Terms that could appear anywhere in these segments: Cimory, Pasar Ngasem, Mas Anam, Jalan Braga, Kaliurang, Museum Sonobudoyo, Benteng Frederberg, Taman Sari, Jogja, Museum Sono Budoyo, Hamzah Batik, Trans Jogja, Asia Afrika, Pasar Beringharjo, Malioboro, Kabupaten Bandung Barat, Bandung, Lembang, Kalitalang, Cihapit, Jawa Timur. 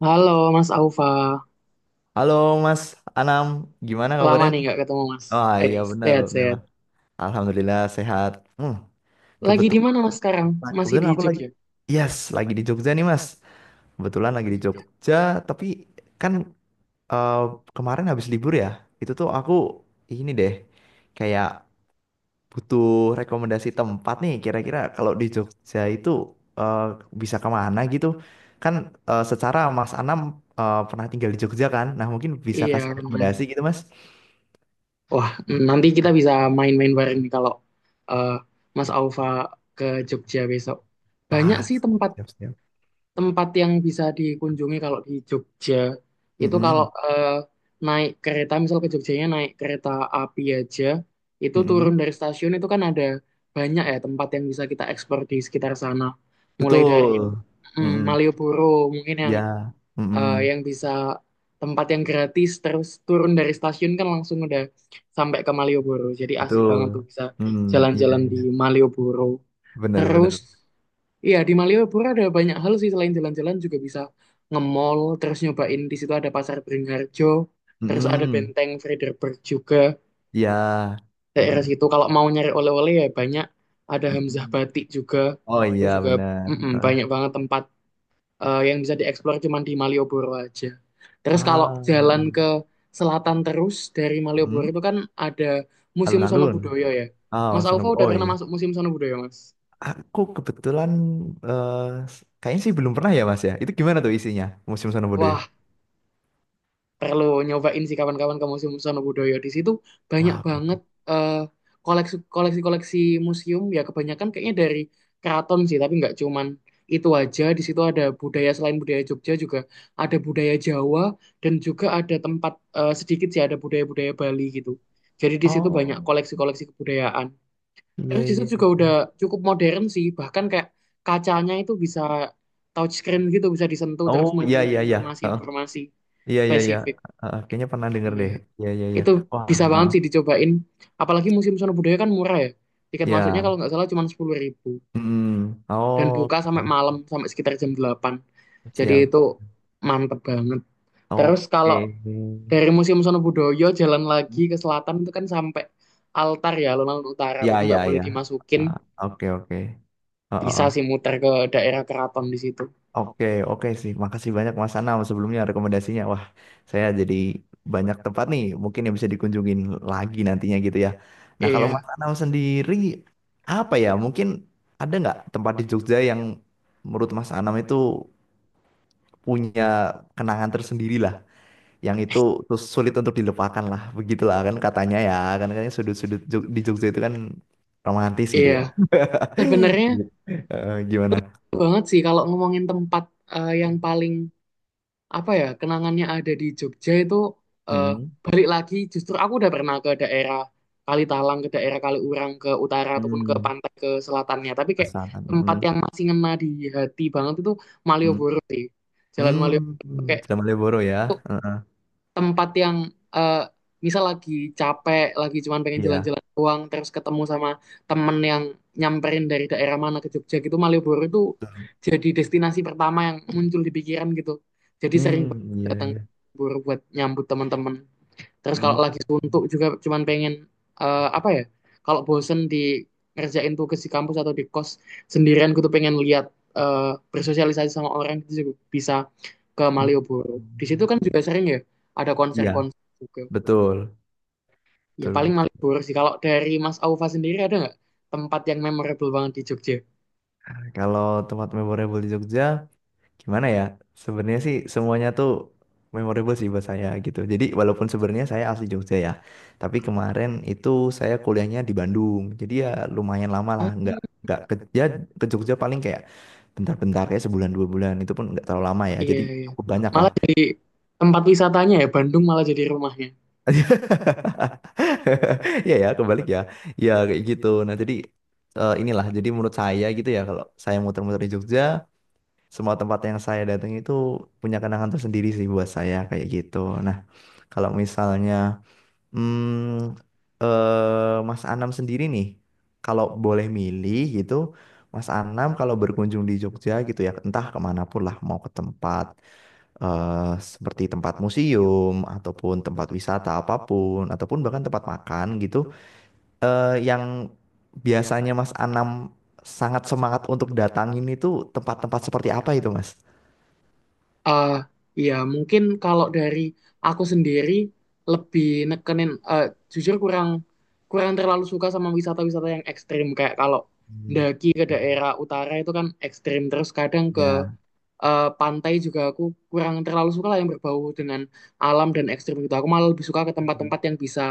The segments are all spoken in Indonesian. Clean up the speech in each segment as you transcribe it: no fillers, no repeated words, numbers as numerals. Halo Mas Aufa, Halo Mas Anam, gimana lama kabarnya? nih nggak ketemu Mas. Oh Eh, iya benar, benar. sehat-sehat. Alhamdulillah sehat. Hmm, Lagi di mana Mas kebetulan, sekarang? Masih di kebetulan aku lagi, Jogja? yes, lagi di Jogja nih Mas. Kebetulan lagi di Jogja, tapi kan eh, kemarin habis libur ya. Itu tuh aku ini deh, kayak butuh rekomendasi tempat nih. Kira-kira kalau di Jogja itu eh, bisa kemana gitu? Kan secara Mas Anam pernah tinggal di Jogja kan? Nah mungkin bisa Iya kasih benar. rekomendasi gitu Mas. Wah, nanti kita bisa main-main bareng nih kalau eh, Mas Aufa ke Jogja besok. Banyak Pas. sih Siap, siap. tempat-tempat yang bisa dikunjungi kalau di Jogja. Itu kalau Mm-mm. Naik kereta, misal ke Jogjanya naik kereta api aja, itu turun Mm-mm. dari stasiun itu kan ada banyak ya tempat yang bisa kita eksplor di sekitar sana. Mulai dari Betul. Mm-mm. Malioboro mungkin yang Ya. eh, Mm-mm. yang bisa tempat yang gratis terus turun dari stasiun kan langsung udah sampai ke Malioboro. Jadi asik Betul. banget tuh bisa Mm. Iya, jalan-jalan di iya. Malioboro. Benar, Terus benar. iya di Malioboro ada banyak hal sih selain jalan-jalan juga bisa nge-mall, terus nyobain di situ ada Pasar Beringharjo, terus ada Mm-mm. Benteng Frederberg juga Ya. daerah Mm. situ. Kalau mau nyari oleh-oleh ya banyak ada Hamzah Mm-mm. Batik juga. Oh iya, Terus juga benar. mm-mm, banyak Heeh. banget tempat yang bisa dieksplor cuma di Malioboro aja. Terus kalau Ah, jalan iya. ke selatan terus dari Malioboro Mm. itu kan ada Museum Sono Alun-alun. Budoyo ya. Ah, Mas suasana Alfa udah Oh pernah iya. masuk Museum Sono Budoyo, Mas? Aku kebetulan eh, kayaknya sih belum pernah ya, Mas ya. Itu gimana tuh isinya? Museum Sonobudoyo? Wah, perlu nyobain sih kawan-kawan ke Museum Sonobudoyo. Di situ banyak Wah, banget eh, koleksi-koleksi museum ya kebanyakan kayaknya dari keraton sih, tapi nggak cuman itu aja. Di situ ada budaya selain budaya Jogja juga ada budaya Jawa dan juga ada tempat sedikit sih ada budaya-budaya Bali gitu. Jadi di situ banyak Oh, koleksi-koleksi kebudayaan. iya Terus di situ iya juga iya. udah cukup modern sih, bahkan kayak kacanya itu bisa touchscreen gitu, bisa disentuh Oh, terus iya munculin iya iya. informasi-informasi Iya iya iya. spesifik. Kayaknya pernah denger Iya, deh. Iya iya iya. itu Wah, bisa eh, banget sih dicobain. Apalagi Museum Sono Budaya kan murah ya. Tiket masuknya kalau iya. nggak salah cuma 10 ribu. Mm, Dan buka Oke. sampai malam, sampai sekitar jam 8. Jadi Siap. itu mantep banget. Terus kalau Oke. dari Museum Sono Budoyo jalan lagi ke selatan itu kan sampai altar ya, alun-alun utara. Iya Tapi iya nggak boleh iya. dimasukin. Ah, Oke oke. Oh, oh, Bisa oh. sih muter ke daerah keraton di situ. Oke oke sih. Makasih banyak Mas Anam sebelumnya rekomendasinya. Wah, saya jadi banyak tempat nih mungkin yang bisa dikunjungin lagi nantinya gitu ya. Nah, kalau Iya, Mas Anam sendiri apa ya? Mungkin ada nggak tempat di Jogja yang menurut Mas Anam itu punya kenangan tersendiri lah yang itu terus sulit untuk dilupakan lah begitulah kan katanya ya kan katanya sudut-sudut di Jogja itu kan romantis gitu iya. ya Sebenarnya Gimana banget sih kalau ngomongin tempat yang paling apa ya kenangannya ada di Jogja itu eh, hmm. balik lagi justru aku udah pernah ke daerah Kalitalang ke daerah Kaliurang ke utara ataupun ke Hmm. pantai ke selatannya tapi kayak Pesanan. tempat Hmm. yang masih ngena di hati banget itu Hmm. Malioboro sih. Jalan Hmm. Malioboro itu kayak Sudah Malioboro itu ya Eh, tempat yang eh, misal lagi capek, lagi cuman pengen iya jalan-jalan doang, terus ketemu sama temen yang nyamperin dari daerah mana ke Jogja gitu, Malioboro itu jadi destinasi pertama yang muncul di pikiran gitu. Jadi sering hmm. banget iya datang iya ke Malioboro buat nyambut teman-teman. Terus hmm. kalau lagi suntuk Hmm. juga cuman pengen apa ya? Kalau bosen di ngerjain tugas di kampus atau di kos sendirian, gue tuh pengen lihat eh, bersosialisasi sama orang itu juga bisa ke hmm, Malioboro. Di situ kan hmm. juga sering ya ada Iya konser-konser juga. betul Ya betul paling betul Malioboro sih. Kalau dari Mas Aufa sendiri ada nggak tempat yang memorable banget di Jogja? kalau tempat memorable di Jogja gimana ya sebenarnya sih semuanya tuh memorable sih buat saya gitu jadi walaupun sebenarnya saya asli Jogja ya tapi kemarin itu saya kuliahnya di Bandung jadi ya lumayan lama Ah, lah nggak ke, ya ke Jogja paling kayak bentar-bentar kayak sebulan 2 bulan itu pun nggak terlalu lama ya iya jadi iya. cukup banyak lah Malah jadi tempat wisatanya ya Bandung malah jadi rumahnya. ya ya, kebalik ya. Ya kayak gitu. Nah, jadi inilah. Jadi menurut saya gitu ya, kalau saya muter-muter di Jogja, semua tempat yang saya datang itu punya kenangan tersendiri sih buat saya kayak gitu. Nah, kalau misalnya hmm, Mas Anam sendiri nih, kalau boleh milih gitu, Mas Anam kalau berkunjung di Jogja gitu ya, entah kemana pun lah, mau ke tempat seperti tempat museum ataupun tempat wisata apapun, ataupun bahkan tempat makan gitu, yang biasanya Mas Anam sangat semangat untuk datangin itu tempat-tempat seperti apa itu, Mas? eh ya mungkin kalau dari aku sendiri lebih nekenin jujur kurang kurang terlalu suka sama wisata-wisata yang ekstrim kayak kalau Hmm, daki ke daerah utara itu kan ekstrim terus kadang ke Ya. Pantai juga aku kurang terlalu suka lah yang berbau dengan alam dan ekstrim gitu aku malah lebih suka ke tempat-tempat yang bisa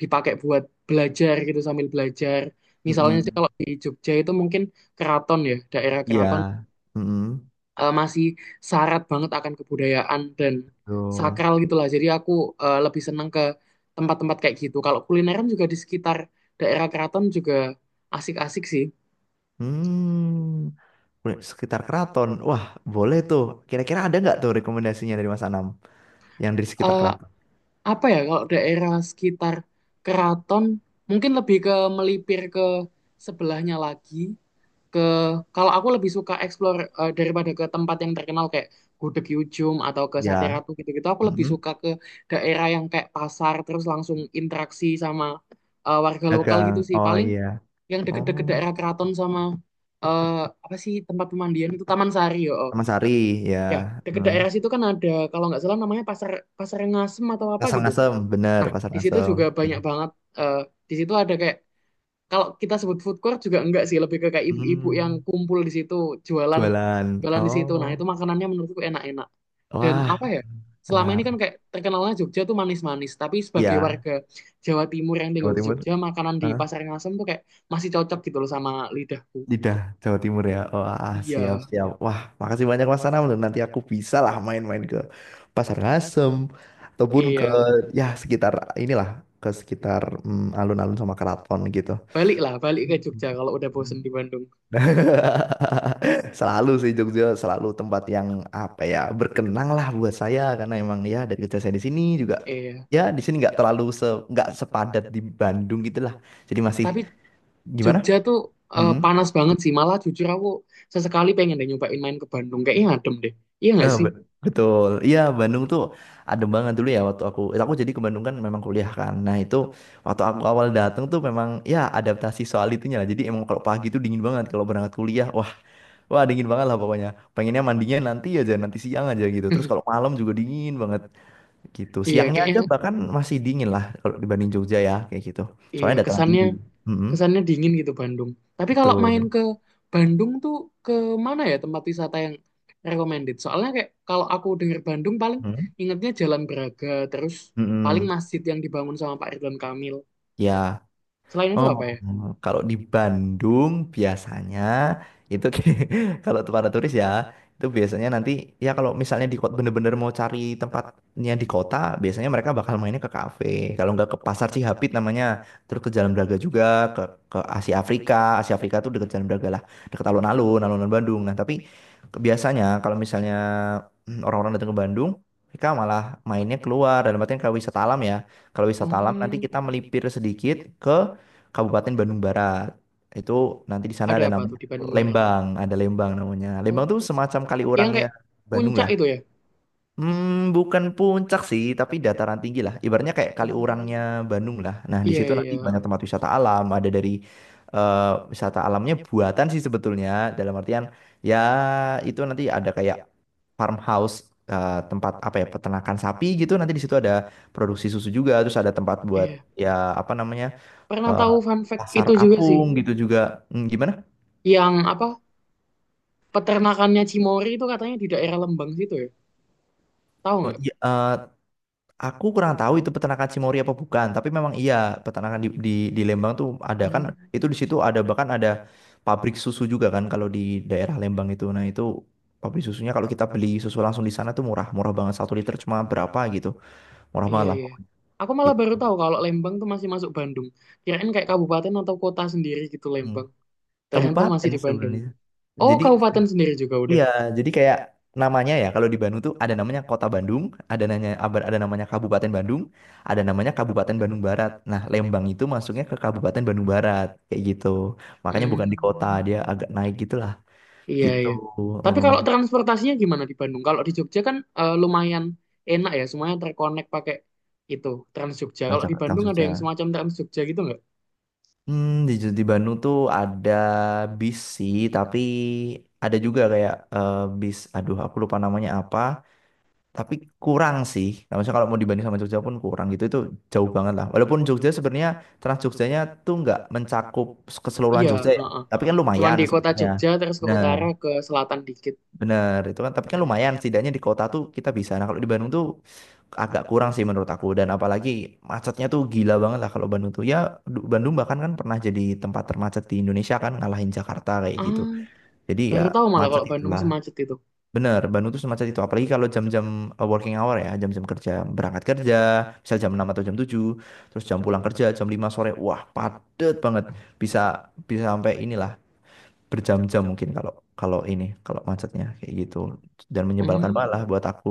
dipakai buat belajar gitu sambil belajar misalnya sih Mm-mm. kalau di Jogja itu mungkin keraton ya daerah keraton Ya. Mm-mm. Masih syarat banget akan kebudayaan dan Betul. sakral gitulah. Jadi aku lebih senang ke tempat-tempat kayak gitu. Kalau kulineran juga di sekitar daerah keraton juga asik-asik sih. Hmm. Sekitar keraton. Wah, boleh tuh. Kira-kira ada nggak tuh rekomendasinya dari Mas Anam yang di sekitar Eh, keraton? apa ya kalau daerah sekitar keraton mungkin lebih ke melipir ke sebelahnya lagi ke kalau aku lebih suka explore daripada ke tempat yang terkenal kayak Gudeg Yujum atau ke Sate Ya. Ratu gitu-gitu aku lebih Mm-mm. suka ke daerah yang kayak pasar terus langsung interaksi sama warga lokal Dagang. gitu sih Oh paling iya. yang deket-deket Oh, daerah keraton sama eh, apa sih tempat pemandian itu Taman Sari yo oh. Taman Sari ya. Ya deket daerah Hmm. situ kan ada kalau nggak salah namanya pasar pasar Ngasem atau apa Pasar gitu Ngasem, bener nah Pasar di situ Ngasem. juga Ya. banyak banget eh, di situ ada kayak kalau kita sebut food court juga enggak sih lebih ke kayak ibu-ibu yang Hmm. kumpul di situ jualan Jualan. jualan di situ nah itu Oh. makanannya menurutku enak-enak dan apa Wah, ya selama ini benar. kan kayak terkenalnya Jogja tuh manis-manis tapi sebagai Ya, warga Jawa Timur yang tinggal Jawa di Timur. Jogja makanan di Pasar Ngasem tuh kayak masih cocok gitu loh sama lidahku. Lidah Jawa Timur ya. Wah, Iya siap siap. Wah, makasih banyak Mas Anam. Nanti aku bisa lah main-main ke Pasar Ngasem ataupun ke iya. ya sekitar inilah ke sekitar alun-alun sama keraton gitu. Baliklah balik ke Hmm. Jogja kalau udah bosen di Bandung. Selalu sih Jogja selalu tempat yang apa ya berkenang lah buat saya karena emang ya dari kecil saya di sini juga Iya, ya di sini nggak terlalu nggak sepadat di Bandung gitu lah. Jadi masih tapi gimana? Jogja tuh Hmm? panas banget sih malah jujur aku sesekali pengen deh nyobain main ke Bandung kayaknya adem deh, iya nggak Eh, sih? bet- betul. Iya, Bandung tuh adem banget dulu ya waktu aku. Aku jadi ke Bandung kan memang kuliah kan. Nah, itu waktu aku awal datang tuh memang ya adaptasi soal itunya lah. Jadi emang kalau pagi tuh dingin banget kalau berangkat kuliah. Wah, dingin banget lah pokoknya. Pengennya mandinya nanti aja, nanti siang aja gitu. Terus kalau malam juga dingin banget gitu. Iya, Siangnya aja kayaknya bahkan masih dingin lah kalau dibanding Jogja ya kayak gitu. iya Soalnya dataran kesannya tinggi. Mm-mm, kesannya dingin gitu Bandung. Tapi kalau main betul. ke Bandung tuh ke mana ya tempat wisata yang recommended? Soalnya kayak kalau aku denger Bandung paling Mm-mm, ingetnya Jalan Braga, terus paling mm-mm. masjid yang dibangun sama Pak Ridwan Kamil. Ya. Selain itu Oh, apa ya? kalau di Bandung biasanya itu kalau para turis ya itu biasanya nanti ya kalau misalnya di kota bener-bener mau cari tempatnya di kota biasanya mereka bakal mainnya ke kafe kalau nggak ke pasar Cihapit namanya terus ke Jalan Braga juga ke ke Asia Afrika Asia Afrika tuh deket Jalan Braga lah deket alun-alun Bandung nah tapi biasanya kalau misalnya orang-orang datang ke Bandung mereka malah mainnya keluar dalam artian kalau wisata alam ya kalau wisata alam nanti Oh, kita melipir sedikit Kabupaten Bandung Barat. Itu nanti di sana ada ada apa tuh namanya di Bandung Barat? Lembang, ada Lembang namanya. Oh, Lembang tuh semacam kali yang orangnya kayak Bandung puncak lah. itu ya? Bukan puncak sih, tapi dataran tinggi lah. Ibaratnya kayak Kaliurangnya Oh, Bandung lah. Nah, di iya situ iya nanti banyak iya. tempat wisata alam. Ada dari eh, wisata alamnya buatan sih sebetulnya. Dalam artian ya itu nanti ada kayak farmhouse tempat apa ya peternakan sapi gitu. Nanti di situ ada produksi susu juga. Terus ada tempat buat Iya, ya apa namanya pernah eh, tahu fun fact pasar itu juga sih. apung gitu juga. Hmm, gimana? Yang apa? Peternakannya Cimory itu katanya di daerah Lembang situ ya? Tahu Oh, nggak? iya, aku kurang tahu itu peternakan Cimory apa bukan, tapi memang iya peternakan di Lembang tuh ada kan, Hmm, itu di situ ada bahkan ada pabrik susu juga kan kalau di daerah Lembang itu. Nah itu pabrik susunya kalau kita beli susu langsung di sana tuh murah, murah banget 1 liter cuma berapa gitu, murah iya banget lah iya. pokoknya. Aku malah Gitu. baru tahu kalau Lembang tuh masih masuk Bandung. Kirain kayak kabupaten atau kota sendiri gitu Hmm. Lembang. Ternyata masih Kabupaten di Bandung. sebenarnya. Oh, Jadi kabupaten sendiri juga udah. iya, jadi kayak namanya ya kalau di Bandung tuh ada namanya Kota Bandung, ada namanya Kabupaten Bandung, ada namanya Kabupaten Bandung Barat. Nah, Lembang itu masuknya ke Kabupaten Bandung Barat kayak gitu. Makanya bukan di kota, Hmm, dia agak naik gitulah. iya Gitu. iya. Tapi Heeh. kalau transportasinya gimana di Bandung? Kalau di Jogja kan lumayan enak ya, semuanya terkonek pakai itu Trans Jogja. Kalau Langsung di Bandung langsung ada yang aja. semacam Trans Jogja gitu nggak? Hmm, di di Bandung tuh ada bis sih, tapi ada juga kayak bis aduh aku lupa namanya apa. Tapi kurang sih. Nah, maksudnya kalau mau dibanding sama Jogja pun kurang gitu itu jauh banget lah. Walaupun Jogja sebenarnya Trans Jogjanya tuh nggak mencakup keseluruhan Iya, Jogja ya, heeh. tapi kan Cuman lumayan di kota sebenarnya Jogja terus ke Bener, utara ke selatan dikit. bener itu kan. Tapi kan Iya. lumayan, setidaknya di kota tuh kita bisa. Nah kalau di Bandung tuh agak kurang sih menurut aku. Dan apalagi macetnya tuh gila banget lah kalau Bandung tuh. Ya Bandung bahkan kan pernah jadi tempat termacet di Indonesia kan ngalahin Jakarta kayak gitu. Ah, Jadi ya baru tahu malah macet kalau Bandung itulah. semacet itu. Bener, Bandung tuh semacam itu. Apalagi kalau jam-jam working hour ya, jam-jam kerja, berangkat kerja, misal jam 6 atau jam 7, terus jam pulang kerja jam 5 sore. Wah, padet banget. Bisa bisa sampai inilah berjam-jam mungkin kalau kalau ini, kalau macetnya kayak gitu. Dan menyebalkan Hmm. malah buat aku.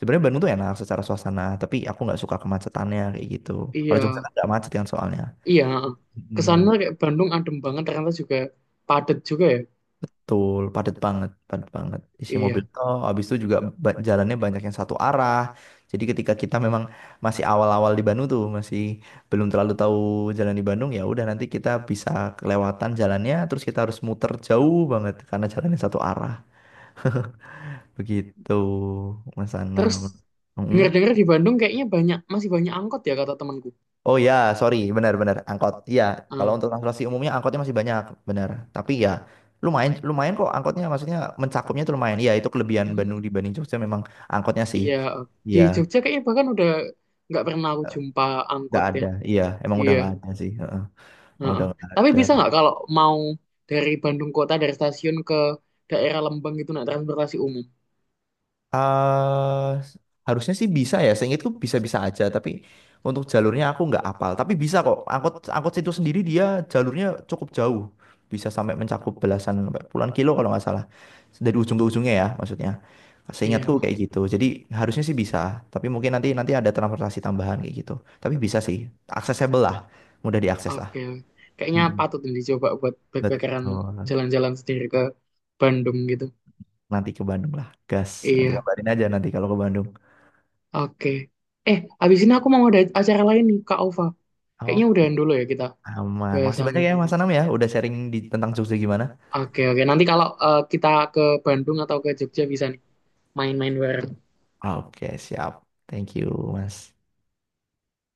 Sebenarnya Bandung tuh enak secara suasana, tapi aku nggak suka kemacetannya kayak gitu. Kalau Iya, Jogja kan nggak macet kan soalnya. iya. Heeh. Kesannya Hmm. kayak Bandung adem banget, ternyata juga padat juga ya. Betul, padat banget, padat banget. Isi mobil Iya. tol, habis itu juga jalannya banyak yang satu arah. Jadi ketika kita memang masih awal-awal di Bandung tuh, masih belum terlalu tahu jalan di Bandung, ya udah nanti kita bisa kelewatan jalannya, terus kita harus muter jauh banget karena jalannya satu arah. Begitu, Mas Terus Anam. dengar-dengar di Bandung kayaknya banyak masih banyak angkot ya kata temanku. Oh ya, sorry, benar-benar angkot. Iya, kalau Ah, untuk transportasi umumnya angkotnya masih banyak, benar. Tapi ya lumayan, lumayan kok angkotnya, maksudnya mencakupnya itu lumayan. Iya, itu kelebihan Bandung mhm. dibanding Jogja memang angkotnya sih. Iya. Di Iya, Jogja kayaknya bahkan udah nggak pernah aku jumpa nggak angkot ada. yang. Iya, emang udah Iya, nggak ada sih. Heeh, Emang heeh. udah nggak Tapi ada. bisa nggak kalau mau dari Bandung kota dari stasiun ke daerah Lembang gitu naik transportasi umum? eh harusnya sih bisa ya. Seingatku bisa-bisa aja, tapi untuk jalurnya aku nggak apal. Tapi bisa kok. Angkot angkot situ sendiri dia jalurnya cukup jauh. Bisa sampai mencakup belasan sampai puluhan kilo kalau nggak salah. Dari ujung ke ujungnya ya, maksudnya. Iya, Seingatku kayak heeh. gitu. Jadi harusnya sih bisa, tapi mungkin nanti nanti ada transportasi tambahan kayak gitu. Tapi bisa sih, accessible lah, mudah diakses lah. Oke. Kayaknya Mm-mm. patut nih dicoba buat Betul. backpackeran jalan-jalan sendiri ke Bandung gitu. Nanti ke Bandung lah, gas. Nanti Iya. kabarin aja nanti kalau ke Bandung. Oke. Abis ini aku mau ada acara lain nih, Kak Ova. Kayaknya Oh, udahan dulu ya kita aman. Makasih banyak bahasannya. ya Mas Anam ya, udah sharing di tentang Jogja gimana. Oke, oke. Nanti kalau kita ke Bandung atau ke Jogja bisa nih main-main bareng. Oke, siap. Thank you, Mas.